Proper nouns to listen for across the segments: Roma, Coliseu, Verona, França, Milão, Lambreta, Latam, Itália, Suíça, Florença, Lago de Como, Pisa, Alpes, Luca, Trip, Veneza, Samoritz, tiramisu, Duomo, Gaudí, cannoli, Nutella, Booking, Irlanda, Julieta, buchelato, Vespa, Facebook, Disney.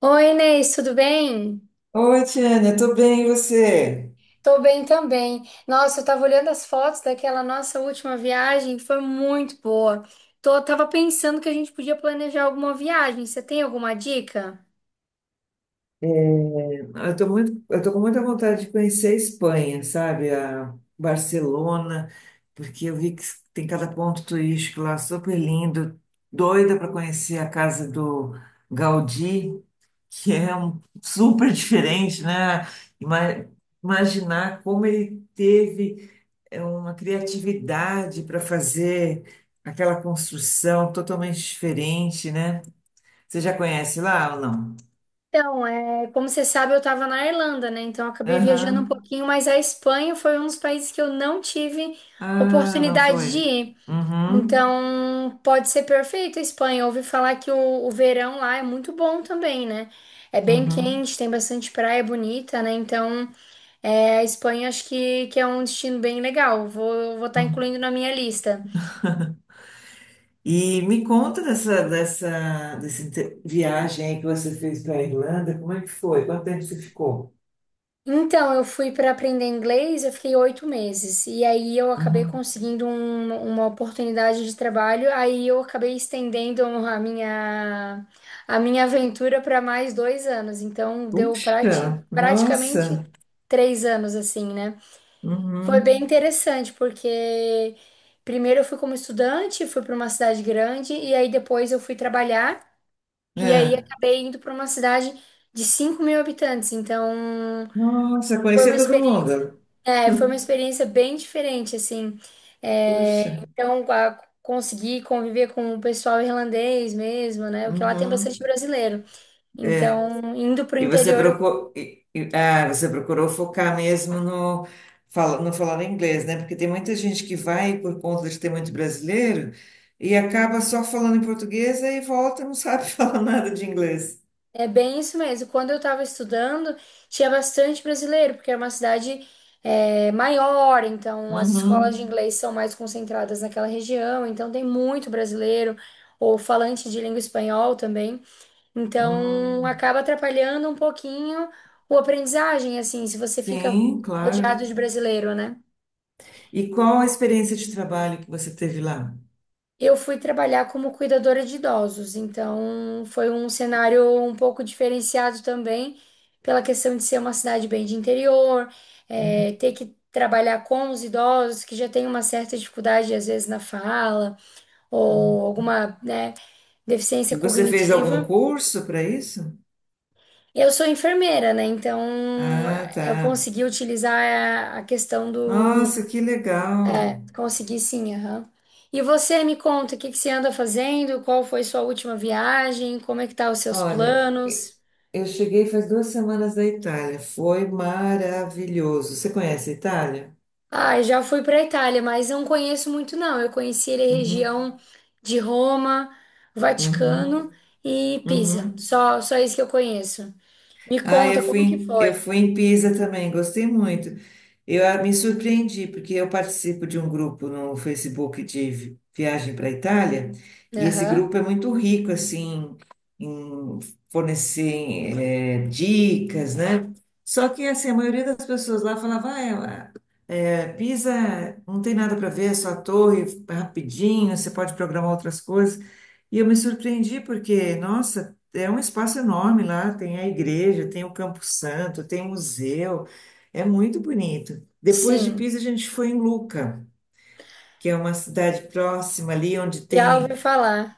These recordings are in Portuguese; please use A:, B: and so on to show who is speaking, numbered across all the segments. A: Oi, Inês, tudo bem?
B: Oi, Tiane, tô bem, e você?
A: Tô bem também. Nossa, eu tava olhando as fotos daquela nossa última viagem, foi muito boa. Tava pensando que a gente podia planejar alguma viagem. Você tem alguma dica?
B: Eu tô muito, eu tô com muita vontade de conhecer a Espanha, sabe? A Barcelona, porque eu vi que tem cada ponto turístico lá super lindo. Doida para conhecer a casa do Gaudí, que é um super diferente, né? Ima- Imaginar como ele teve uma criatividade para fazer aquela construção totalmente diferente, né? Você já conhece lá ou não?
A: Então, como você sabe, eu tava na Irlanda, né? Então, eu acabei viajando um
B: Aham.
A: pouquinho, mas a Espanha foi um dos países que eu não tive
B: Ah, não
A: oportunidade de
B: foi.
A: ir.
B: Uhum.
A: Então, pode ser perfeito a Espanha. Eu ouvi falar que o verão lá é muito bom também, né? É bem
B: Uhum.
A: quente, tem bastante praia bonita, né? Então, a Espanha acho que é um destino bem legal. Vou estar
B: Uhum.
A: incluindo na minha lista.
B: E me conta dessa, dessa viagem aí que você fez para a Irlanda. Como é que foi? Quanto tempo você ficou?
A: Então, eu fui para aprender inglês, eu fiquei 8 meses. E aí eu acabei
B: Uhum.
A: conseguindo uma oportunidade de trabalho. Aí eu acabei estendendo a minha aventura para mais 2 anos. Então, deu
B: Puxa,
A: praticamente
B: nossa.
A: 3 anos, assim, né? Foi bem
B: Uhum.
A: interessante, porque primeiro eu fui como estudante, fui para uma cidade grande, e aí depois eu fui trabalhar. E aí
B: É.
A: acabei indo para uma cidade de 5 mil habitantes. Então.
B: Nossa,
A: Foi
B: conhecer
A: uma
B: todo
A: experiência,
B: mundo.
A: foi uma experiência bem diferente, assim.
B: Puxa.
A: É, então, consegui conviver com o pessoal irlandês mesmo, né? Porque lá tem bastante
B: Uhum.
A: brasileiro. Então, indo para o
B: E você
A: interior.
B: procurou, você procurou focar mesmo no, no falar inglês, né? Porque tem muita gente que vai por conta de ter muito brasileiro e acaba só falando em português e volta e não sabe falar nada de inglês.
A: É bem isso mesmo. Quando eu estava estudando, tinha bastante brasileiro, porque é uma cidade, maior, então as escolas de
B: Uhum.
A: inglês são mais concentradas naquela região, então tem muito brasileiro, ou falante de língua espanhol também. Então,
B: Hum.
A: acaba atrapalhando um pouquinho o aprendizagem, assim, se você fica
B: Sim, claro.
A: rodeado de brasileiro, né?
B: E qual a experiência de trabalho que você teve lá?
A: Eu fui trabalhar como cuidadora de idosos, então foi um cenário um pouco diferenciado também, pela questão de ser uma cidade bem de interior,
B: Uhum.
A: ter que trabalhar com os idosos que já têm uma certa dificuldade, às vezes, na fala, ou alguma, né, deficiência
B: Você fez algum
A: cognitiva.
B: curso para isso?
A: Eu sou enfermeira, né? Então
B: Ah, tá.
A: eu consegui utilizar a questão do.
B: Nossa, que legal.
A: Consegui sim, aham. E você me conta, o que que você anda fazendo? Qual foi sua última viagem? Como é que tá os seus
B: Olha,
A: planos?
B: eu cheguei faz duas semanas da Itália. Foi maravilhoso. Você conhece a Itália?
A: Ah, eu já fui para Itália, mas não conheço muito, não. Eu conheci ali a
B: Uhum,
A: região de Roma,
B: uhum,
A: Vaticano e Pisa.
B: uhum.
A: Só isso que eu conheço. Me
B: Ah, eu
A: conta
B: fui,
A: como que foi.
B: eu fui em Pisa também. Gostei muito. Me surpreendi porque eu participo de um grupo no Facebook de viagem para a Itália e esse
A: Aham.
B: grupo é muito rico assim em fornecer dicas, né? Só que assim, a maioria das pessoas lá falava, ah, é, Pisa não tem nada para ver, é só a torre, é rapidinho, você pode programar outras coisas. E eu me surpreendi porque, nossa, é um espaço enorme lá, tem a igreja, tem o Campo Santo, tem o museu, é muito bonito. Depois de
A: Sim,
B: Pisa, a gente foi em Luca, que é uma cidade próxima ali, onde
A: já
B: tem,
A: ouvi falar.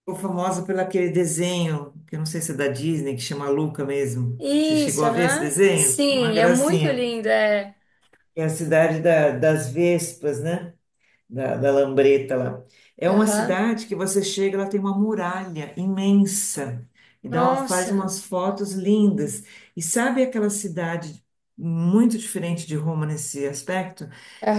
B: ficou famosa pelo aquele desenho, que eu não sei se é da Disney, que chama Luca mesmo. Você chegou
A: Isso,
B: a ver esse
A: aham.
B: desenho? É uma
A: Sim, é muito
B: gracinha.
A: lindo, é.
B: É a das Vespas, né? Da, da Lambreta lá. É uma
A: Aham.
B: cidade que você chega, ela tem uma muralha imensa e dá, faz
A: Nossa.
B: umas fotos lindas. E sabe aquela cidade muito diferente de Roma nesse aspecto?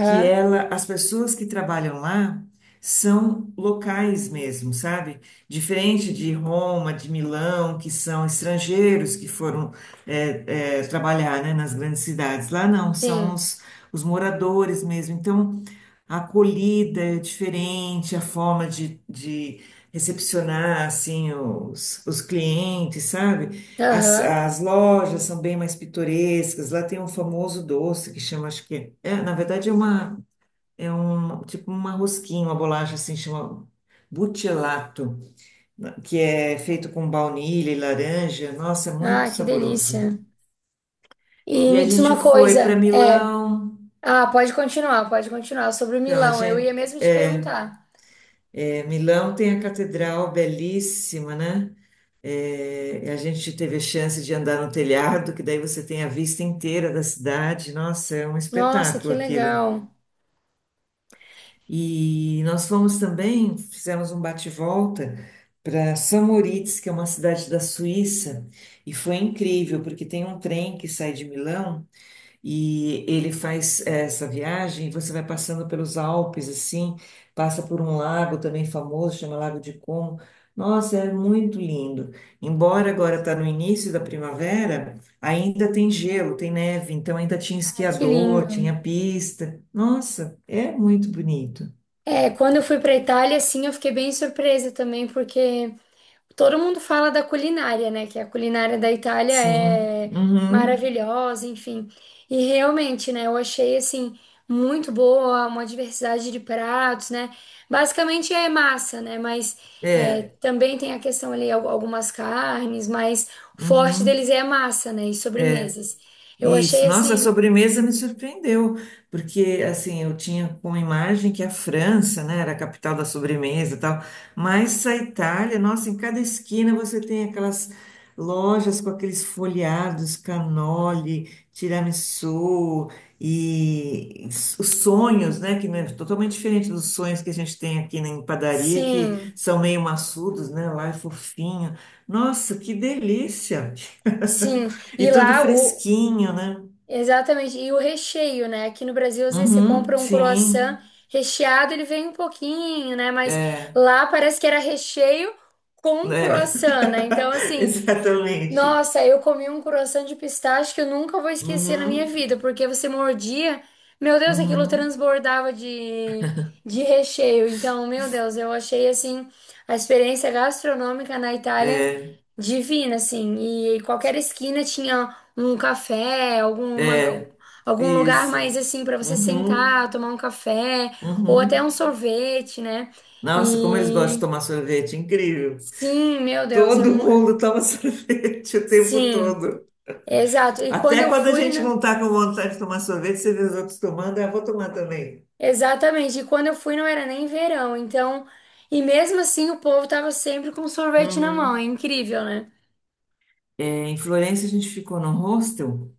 B: Que ela, as pessoas que trabalham lá são locais mesmo, sabe? Diferente de Roma, de Milão, que são estrangeiros que foram trabalhar, né, nas grandes cidades. Lá não, são
A: Sim.
B: os moradores mesmo. Então, a acolhida é diferente, a forma de recepcionar assim os clientes, sabe? As,
A: Aham.
B: as lojas são bem mais pitorescas. Lá tem um famoso doce que chama, acho que na verdade é uma é um tipo uma rosquinha, uma bolacha assim chama buchelato, que é feito com baunilha e laranja. Nossa, é muito
A: Ah, que
B: saboroso.
A: delícia. E
B: E a
A: me diz
B: gente
A: uma
B: foi para
A: coisa.
B: Milão.
A: Ah, pode continuar, pode continuar. Sobre o
B: Então a
A: Milão, eu
B: gente
A: ia mesmo te perguntar.
B: É, Milão tem a catedral belíssima, né? É, a gente teve a chance de andar no telhado, que daí você tem a vista inteira da cidade. Nossa, é um
A: Nossa, que
B: espetáculo aquilo.
A: legal.
B: E nós fomos também, fizemos um bate-volta para Samoritz, que é uma cidade da Suíça, e foi incrível, porque tem um trem que sai de Milão. E ele faz essa viagem, você vai passando pelos Alpes, assim, passa por um lago também famoso, chama Lago de Como. Nossa, é muito lindo. Embora agora está no início da primavera, ainda tem gelo, tem neve, então ainda tinha
A: Ah, que lindo.
B: esquiador, tinha pista. Nossa, é muito bonito.
A: É, quando eu fui para Itália, sim, eu fiquei bem surpresa também, porque todo mundo fala da culinária, né? Que a culinária da Itália
B: Sim,
A: é
B: uhum.
A: maravilhosa, enfim. E realmente, né? Eu achei assim muito boa, uma diversidade de pratos, né? Basicamente é massa, né? Mas
B: É,
A: também tem a questão ali algumas carnes, mas o forte deles
B: uhum.
A: é a massa, né? E
B: É.
A: sobremesas. Eu achei
B: Isso, nossa, a
A: assim,
B: sobremesa me surpreendeu, porque assim, eu tinha como imagem que a França, né, era a capital da sobremesa e tal, mas a Itália, nossa, em cada esquina você tem aquelas lojas com aqueles folheados, cannoli, tiramisu e os sonhos, né, que não é totalmente diferente dos sonhos que a gente tem aqui na em padaria, que
A: sim,
B: são meio maçudos, né, lá é fofinho. Nossa, que delícia!
A: sim.
B: E
A: E
B: tudo
A: lá o
B: fresquinho, né?
A: Exatamente. E o recheio, né? Aqui no Brasil, às vezes você
B: Uhum,
A: compra um croissant
B: sim,
A: recheado, ele vem um pouquinho, né? Mas
B: é,
A: lá parece que era recheio com
B: né,
A: croissant, né? Então, assim,
B: exatamente.
A: nossa, eu comi um croissant de pistache que eu nunca vou esquecer na minha
B: Uhum,
A: vida, porque você mordia, meu Deus, aquilo
B: uhum,
A: transbordava de recheio. Então, meu Deus, eu achei assim a experiência gastronômica na Itália
B: é,
A: divina, assim. E qualquer esquina tinha um café,
B: é,
A: algum lugar
B: isso.
A: mais assim para você
B: Uhum,
A: sentar, tomar um café ou até
B: uhum.
A: um sorvete, né?
B: Nossa, como eles gostam de
A: E
B: tomar sorvete, incrível.
A: sim, meu Deus, é
B: Todo
A: muito.
B: mundo toma sorvete o tempo
A: Sim.
B: todo.
A: Exato. E quando
B: Até
A: eu
B: quando a
A: fui,
B: gente não
A: né?
B: está com vontade de tomar sorvete, você vê os outros tomando, ah, vou tomar também.
A: Exatamente. E quando eu fui não era nem verão, então, e mesmo assim o povo tava sempre com sorvete na mão. É
B: Uhum.
A: incrível, né?
B: É, em Florença a gente ficou no hostel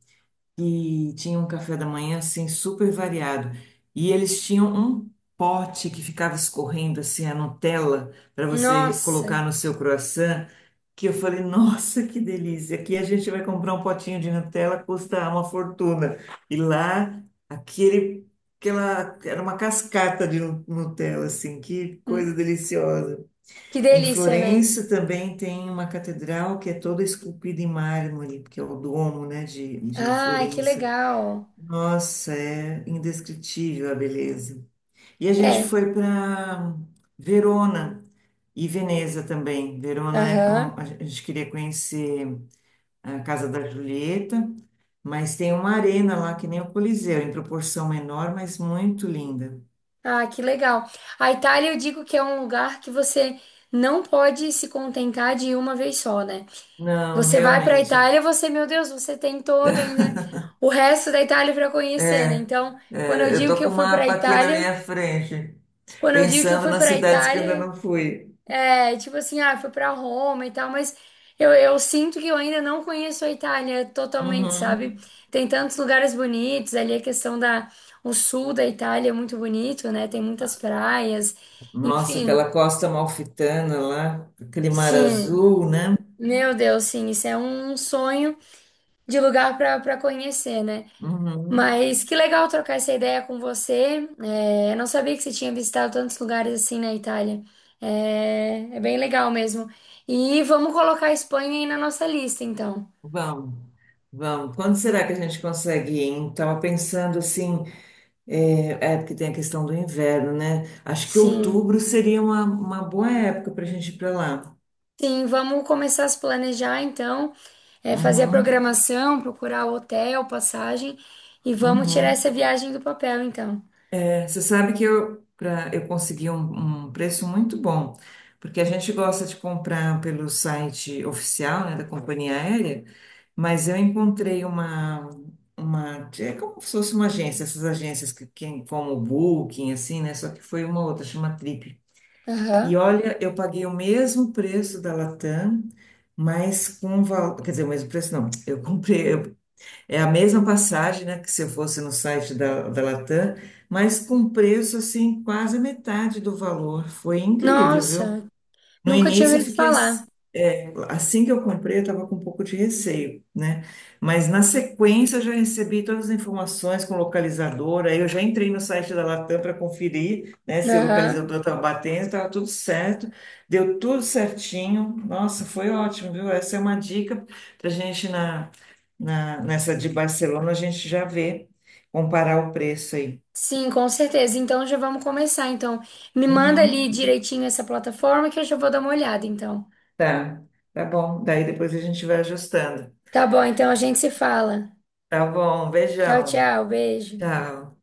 B: que tinha um café da manhã assim super variado. E eles tinham um pote que ficava escorrendo assim a Nutella para você
A: Nossa,
B: colocar no seu croissant, que eu falei, nossa, que delícia. Aqui a gente vai comprar um potinho de Nutella, custa uma fortuna. E lá, aquele era uma cascata de Nutella, assim, que coisa
A: hum,
B: deliciosa.
A: que
B: Em
A: delícia, né?
B: Florença também tem uma catedral que é toda esculpida em mármore, que é o Duomo, né, de
A: Ai, que
B: Florença.
A: legal.
B: Nossa, é indescritível a beleza. E a gente
A: É.
B: foi para Verona e Veneza também.
A: Aham.
B: A gente queria conhecer a Casa da Julieta, mas tem uma arena lá que nem o Coliseu, em proporção menor, mas muito linda.
A: Ah, que legal. A Itália, eu digo que é um lugar que você não pode se contentar de ir uma vez só, né?
B: Não,
A: Você vai pra
B: realmente.
A: Itália, você, meu Deus, você tem todo ainda o resto da Itália pra conhecer,
B: É,
A: né? Quando eu
B: eu
A: digo
B: tô
A: que
B: com
A: eu
B: o
A: fui pra
B: mapa aqui na
A: Itália,
B: minha frente,
A: Quando eu digo que eu
B: pensando
A: fui
B: nas
A: para a
B: cidades que eu ainda
A: Itália,
B: não fui.
A: é tipo assim, ah, fui para Roma e tal, mas eu sinto que eu ainda não conheço a Itália totalmente, sabe?
B: Uhum.
A: Tem tantos lugares bonitos, ali a questão da, o sul da Itália é muito bonito, né? Tem muitas praias,
B: Nossa,
A: enfim,
B: aquela costa amalfitana lá, aquele mar
A: sim.
B: azul, né?
A: Meu Deus, sim, isso é um sonho de lugar para conhecer, né?
B: Uhum.
A: Mas que legal trocar essa ideia com você. É, eu não sabia que você tinha visitado tantos lugares assim na Itália. É bem legal mesmo. E vamos colocar a Espanha aí na nossa lista, então.
B: Vamos, vamos. Quando será que a gente consegue ir? Hein? Tava pensando assim, é porque tem a questão do inverno, né? Acho que
A: Sim,
B: outubro seria uma boa época para a gente ir para lá.
A: sim, vamos começar a se planejar, então, fazer a
B: Uhum,
A: programação, procurar o hotel, passagem e vamos tirar
B: uhum.
A: essa viagem do papel, então.
B: Você sabe que eu consegui um, um preço muito bom, porque a gente gosta de comprar pelo site oficial, né, da companhia aérea, mas eu encontrei uma, é como se fosse uma agência, essas agências que como o Booking, assim, né, só que foi uma outra, chama Trip. E
A: Aham.
B: olha, eu paguei o mesmo preço da Latam, quer dizer, o mesmo preço não, eu comprei, é a mesma passagem, né, que se eu fosse no site da, da Latam, mas com preço assim quase metade do valor. Foi incrível, viu?
A: Nossa,
B: No
A: nunca tinha
B: início, eu
A: ouvido
B: fiquei ass-
A: falar.
B: é, assim que eu comprei, eu estava com um pouco de receio, né? Mas na sequência, eu já recebi todas as informações com localizador. Aí eu já entrei no site da Latam para conferir, né, se o
A: Aham.
B: localizador estava batendo, estava tudo certo, deu tudo certinho. Nossa, foi ótimo, viu? Essa é uma dica para a gente na, na, nessa de Barcelona, a gente já vê, comparar o preço aí.
A: Sim, com certeza. Então já vamos começar. Então, me manda ali
B: Uhum,
A: direitinho essa plataforma que eu já vou dar uma olhada, então.
B: tá, tá bom. Daí depois a gente vai ajustando.
A: Tá bom, então a gente se fala.
B: Tá bom,
A: Tchau,
B: beijão.
A: tchau, beijo.
B: Tchau.